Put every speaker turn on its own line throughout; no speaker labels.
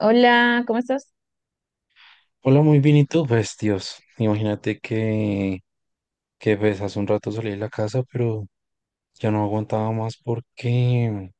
Hola, ¿cómo estás?
Hola, muy bien, ¿y tú? Pues, Dios, imagínate que, que, hace un rato salí de la casa, pero ya no aguantaba más porque,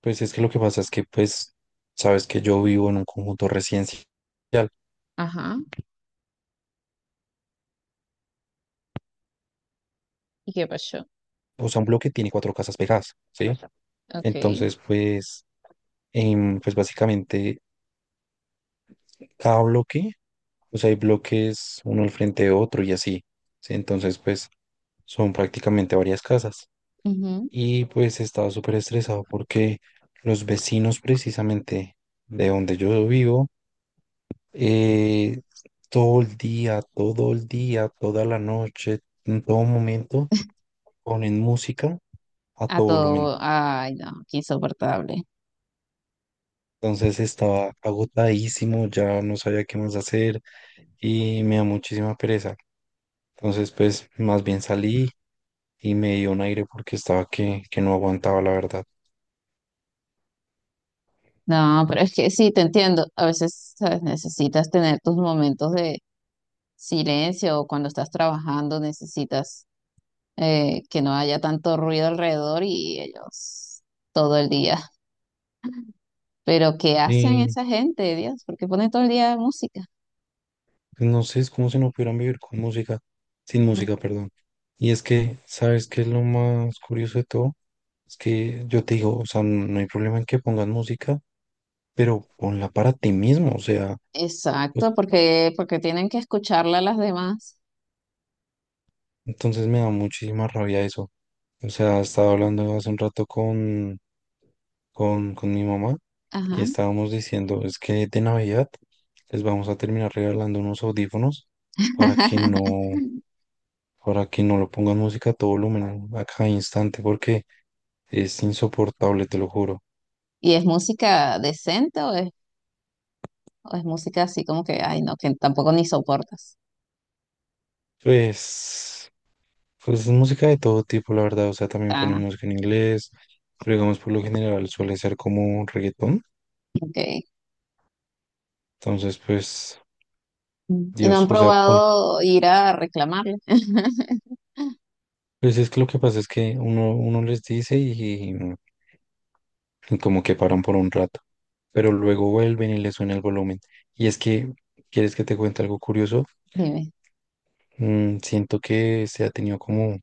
pues, es que lo que pasa es que, pues, sabes que yo vivo en un conjunto residencial,
Ajá. ¿Y qué pasó?
o sea, un bloque tiene cuatro casas pegadas, ¿sí?
Ok.
Entonces, pues, pues, básicamente, cada bloque, o sea, hay bloques uno al frente de otro y así, ¿sí? Entonces, pues, son prácticamente varias casas.
Ujú.
Y pues estaba súper estresado porque los vecinos precisamente de donde yo vivo, eh, todo el día, toda la noche, en todo momento, ponen música a
A
todo volumen.
todo. Ay, no, qué insoportable.
Entonces estaba agotadísimo, ya no sabía qué más hacer y me da muchísima pereza. Entonces pues más bien salí y me dio un aire porque estaba que no aguantaba la verdad.
No, pero es que sí, te entiendo. A veces, ¿sabes? Necesitas tener tus momentos de silencio o cuando estás trabajando necesitas que no haya tanto ruido alrededor y ellos todo el día. Pero ¿qué hacen
Y
esa gente, Dios? ¿Por qué ponen todo el día música?
pues no sé, es como si no pudieran vivir con música, sin
Mm.
música, perdón. Y es que, ¿sabes qué es lo más curioso de todo? Es que yo te digo, o sea, no hay problema en que pongas música, pero ponla para ti mismo, o sea, pues,
Exacto, porque, porque tienen que escucharla a las demás.
entonces me da muchísima rabia eso. O sea, estaba hablando hace un rato con, con mi mamá y
Ajá.
estábamos diciendo, es que de Navidad les vamos a terminar regalando unos audífonos para que no, para que no lo pongan música a todo volumen a cada instante, porque es insoportable, te lo juro.
¿Y es música decente o es música así como que, ay, no, que tampoco ni soportas?
Pues, pues, música de todo tipo, la verdad. O sea, también ponen
Ah,
música en inglés, pero digamos, por lo general suele ser como reggaetón.
ok.
Entonces, pues,
Mm. Y no
Dios,
han
o sea,
probado ir a reclamarle.
pues es que lo que pasa es que uno les dice y como que paran por un rato, pero luego vuelven y les suena el volumen. Y es que, ¿quieres que te cuente algo curioso?
Dime.
Siento que se ha tenido como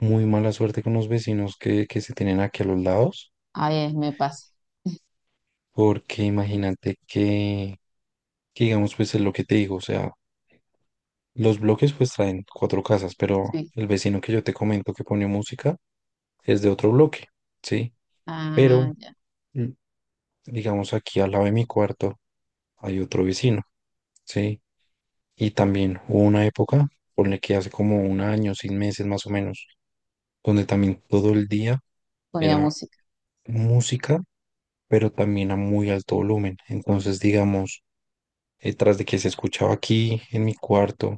muy mala suerte con los vecinos que se tienen aquí a los lados.
Ay, es- me pasa.
Porque imagínate que digamos, pues es lo que te digo, o sea, los bloques pues traen cuatro casas, pero
Sí.
el vecino que yo te comento que pone música es de otro bloque, ¿sí?
Ah,
Pero,
ya.
mm, digamos, aquí al lado de mi cuarto hay otro vecino, ¿sí? Y también hubo una época, ponle que hace como un año, 6 meses más o menos, donde también todo el día
Ponía
era
música.
música, pero también a muy alto volumen. Entonces, digamos, tras de que se escuchaba aquí en mi cuarto,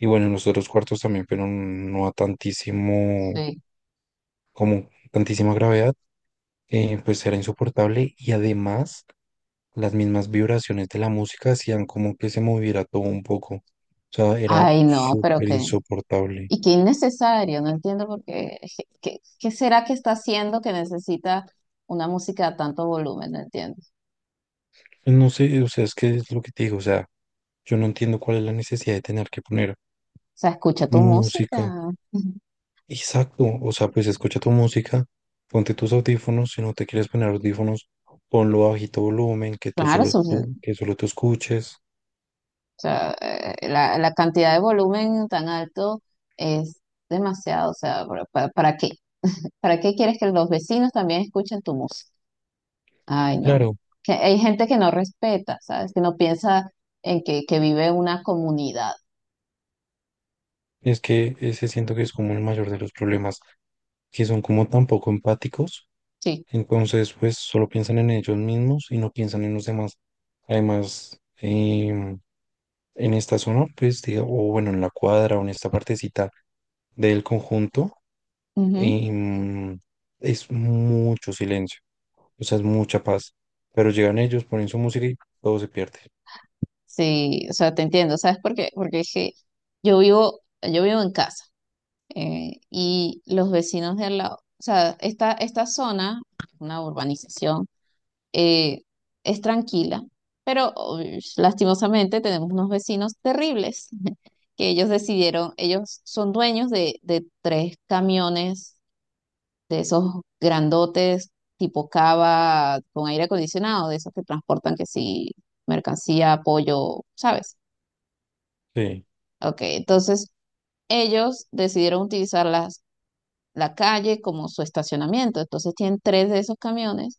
y bueno, en los otros cuartos también, pero no a tantísimo,
Sí.
como tantísima gravedad, pues era insoportable y además las mismas vibraciones de la música hacían como que se moviera todo un poco. O sea, era
Ay, no, pero
súper
qué.
insoportable.
Y qué innecesario. No entiendo por qué. Je- ¿Qué, qué será que está haciendo que necesita una música a tanto volumen? No entiendo. O
No sé, o sea, es que es lo que te digo, o sea, yo no entiendo cuál es la necesidad de tener que poner
sea, escucha tu música.
música. Exacto, o sea, pues escucha tu música, ponte tus audífonos, si no te quieres poner audífonos, ponlo a bajito volumen, que tú
Claro,
solo, tú, que solo tú escuches.
o sea, la, la cantidad de volumen tan alto es demasiado. O sea, para qué? ¿Para qué quieres que los vecinos también escuchen tu música? Ay, no, no.
Claro,
Que hay gente que no respeta, ¿sabes? Que no piensa en que vive en una comunidad.
es que ese siento que es como el mayor de los problemas, que son como tan poco empáticos,
Sí.
entonces pues solo piensan en ellos mismos y no piensan en los demás. Además, en esta zona, pues o bueno, en la cuadra o en esta partecita del conjunto,
Ujú.
em, es mucho silencio, o sea, es mucha paz, pero llegan ellos, ponen su música y todo se pierde.
Sí, o sea, te entiendo. ¿Sabes por qué? Porque es que yo vivo en casa y los vecinos de al lado, o sea, esta zona, una urbanización eh, es tranquila, pero uy, lastimosamente tenemos unos vecinos terribles que ellos decidieron, ellos son dueños de tres camiones de esos grandotes tipo cava con aire acondicionado, de esos que transportan que sí, mercancía, pollo, ¿sabes?
Sí,
Ok, entonces ellos decidieron utilizar las, la calle como su estacionamiento, entonces tienen tres de esos camiones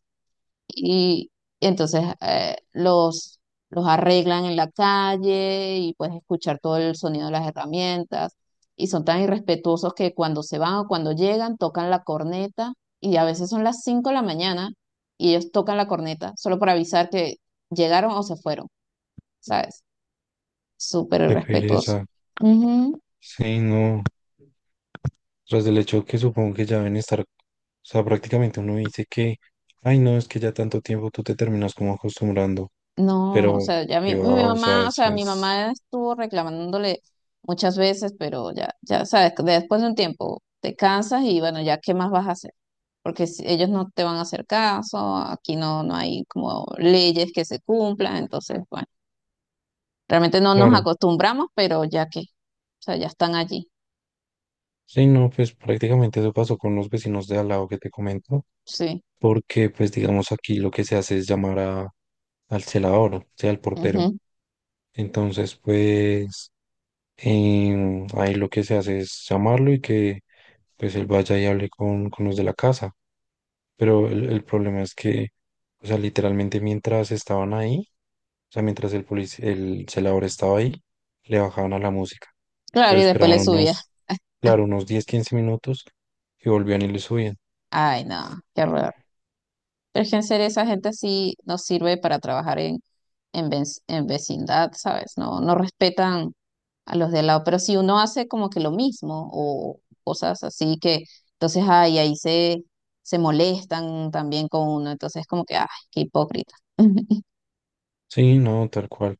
y entonces los arreglan en la calle y puedes escuchar todo el sonido de las herramientas y son tan irrespetuosos que cuando se van o cuando llegan tocan la corneta y a veces son las 5 de la mañana y ellos tocan la corneta solo para avisar que llegaron o se fueron, ¿sabes? Súper
qué
irrespetuoso.
pereza. Sí, no. Tras del hecho que supongo que ya deben estar, o sea, prácticamente uno dice que, ay, no, es que ya tanto tiempo tú te terminas como acostumbrando,
No, o
pero
sea, ya
que
mi
va, o sea,
mamá, o
eso
sea, mi
es
mamá estuvo reclamándole muchas veces, pero ya, ya sabes, después de un tiempo te cansas y bueno, ya qué más vas a hacer, porque si- ellos no te van a hacer caso, aquí no, no hay como leyes que se cumplan, entonces, bueno, realmente no nos
claro.
acostumbramos, pero ya que, o sea, ya están allí,
Sí, no, pues prácticamente eso pasó con los vecinos de al lado que te comento,
sí.
porque pues digamos aquí lo que se hace es llamar a, al celador, o sea, al portero.
Ujú.
Entonces, pues ahí lo que se hace es llamarlo y que pues él vaya y hable con los de la casa. Pero el problema es que, o sea, literalmente mientras estaban ahí, o sea, mientras el el celador estaba ahí, le bajaban a la música,
Claro,
pero
y después le
esperaban
subía,
unos, claro, unos 10 15 minutos y volvían y le subían.
ay, no, qué horror. Es que en serio esa gente sí nos sirve para trabajar en, vec- en vecindad, ¿sabes? No, no respetan a los de al lado, pero si uno hace como que lo mismo o cosas así que entonces ay, ahí se, se molestan también con uno, entonces como que, ay, qué hipócrita.
Sí, no, tal cual.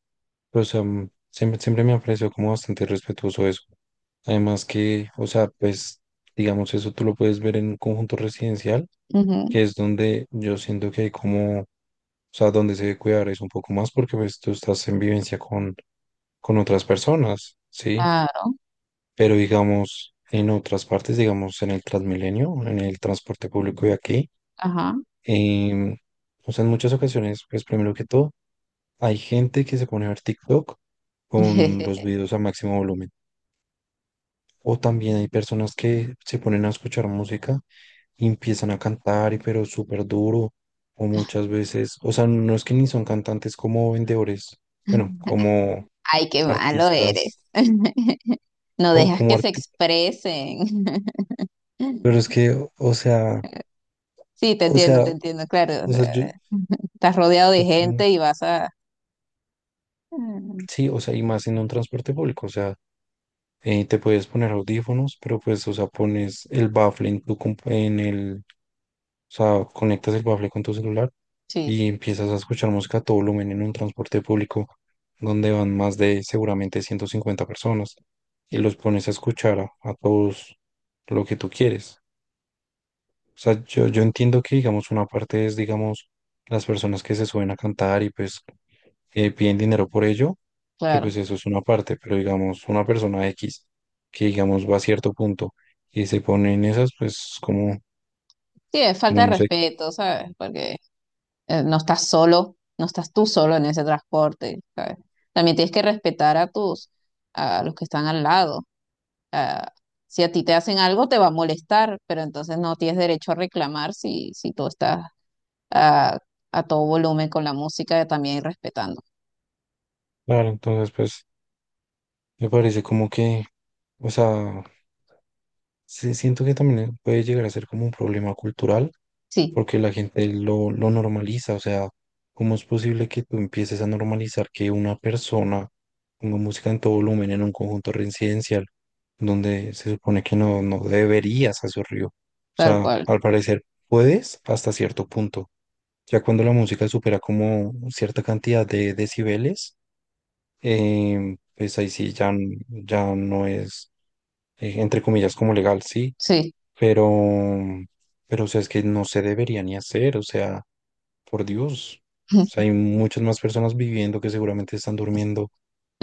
Pues o sea, siempre, siempre me ha parecido como bastante respetuoso eso. Además que, o sea, pues, digamos, eso tú lo puedes ver en un conjunto residencial,
Ujú,
que es donde yo siento que hay como, o sea, donde se debe cuidar es un poco más, porque pues tú estás en vivencia con otras personas, ¿sí?
claro,
Pero digamos, en otras partes, digamos, en el Transmilenio, en el transporte público de aquí,
ajá.
em, o sea, en muchas ocasiones, pues primero que todo, hay gente que se pone a ver TikTok con los videos a máximo volumen. O también hay personas que se ponen a escuchar música y empiezan a cantar, y pero súper duro, o muchas veces, o sea, no es que ni son cantantes como vendedores, bueno, como
Ay, qué malo eres.
artistas,
No
o
dejas
como
que se
artistas,
expresen.
pero es que, o sea,
Sí,
O sea,
te entiendo, claro. O
o sea,
sea,
yo,
estás rodeado de
es como,
gente y vas a... Mm,
sí, o sea, y más en un transporte público, o sea, te puedes poner audífonos, pero pues, o sea, pones el bafle en tu, en el, o sea, conectas el bafle con tu celular
sí,
y empiezas a escuchar música a todo volumen en un transporte público donde van más de seguramente 150 personas y los pones a escuchar a, todos lo que tú quieres. O sea, yo entiendo que, digamos, una parte es, digamos, las personas que se suben a cantar y pues piden dinero por ello, que
claro.
pues eso es una parte, pero digamos, una persona X que digamos va a cierto punto y se pone en esas, pues como,
Sí, es falta
como
de
no sé.
respeto, ¿sabes? Porque no estás solo, no estás tú solo en ese transporte, ¿sabes? También tienes que respetar a tus, a los que están al lado. Ah, si a ti te hacen algo, te va a molestar, pero entonces no tienes derecho a reclamar si, si tú estás a, a todo volumen con la música también respetando.
Claro, entonces pues me parece como que, o sea, sí siento que también puede llegar a ser como un problema cultural
Sí,
porque la gente lo normaliza, o sea, ¿cómo es posible que tú empieces a normalizar que una persona ponga música en todo volumen en un conjunto residencial donde se supone que no, no deberías hacerlo? O
tal
sea,
cual.
al parecer puedes hasta cierto punto. Ya cuando la música supera como cierta cantidad de decibeles, pues ahí sí ya, ya no es, entre comillas, como legal, sí,
Sí,
pero, pero o sea, es que no se debería ni hacer, o sea. Por Dios. O sea, hay muchas más personas viviendo que seguramente están durmiendo,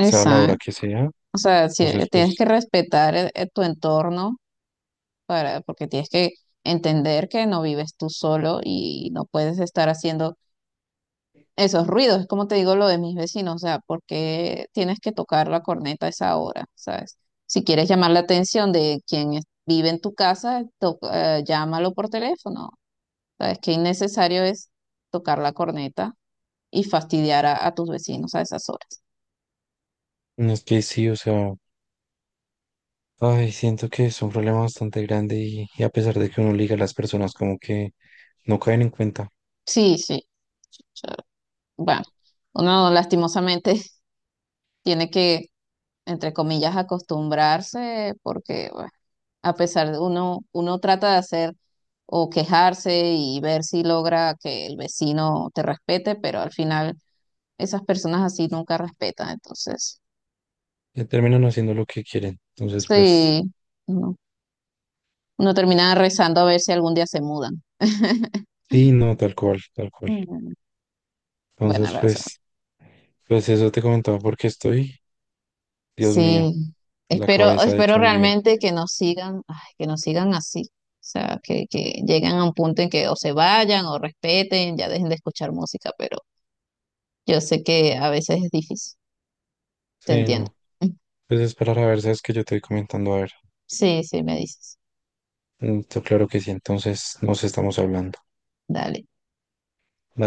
sea a la hora que sea.
O sea, si,
Entonces,
tienes
pues,
que respetar tu entorno para, porque tienes que entender que no vives tú solo y no puedes estar haciendo esos ruidos. Es como te digo lo de mis vecinos, o sea, porque tienes que tocar la corneta a esa hora, ¿sabes? Si quieres llamar la atención de quien es- vive en tu casa, to- llámalo por teléfono. ¿Sabes qué innecesario es tocar la corneta y fastidiar a tus vecinos a esas horas?
no es que sí, o sea, ay, siento que es un problema bastante grande y a pesar de que uno liga a las personas como que no caen en cuenta,
Sí, sí. O sea, bueno, uno lastimosamente tiene que, entre comillas, acostumbrarse porque bueno, a pesar de uno, uno trata de hacer o quejarse y ver si logra que el vecino te respete, pero al final esas personas así nunca respetan. Entonces,
ya terminan haciendo lo que quieren. Entonces, pues,
sí, uno, uno termina rezando a ver si algún día se mudan.
sí, no, tal cual, tal cual.
Mm, bueno,
Entonces,
Rosa.
pues, pues eso te comentaba porque estoy, Dios mío,
Sí,
la
espero,
cabeza
espero
hecha un lío.
realmente que nos sigan, ay, que nos sigan así. O sea, que lleguen a un punto en que o se vayan o respeten, ya dejen de escuchar música, pero yo sé que a veces es difícil, te
Sí,
entiendo.
no. Pues esperar a ver, sabes que yo te voy comentando a ver.
Sí, sí, me dices.
Mm, claro que sí, entonces nos estamos hablando.
Dale.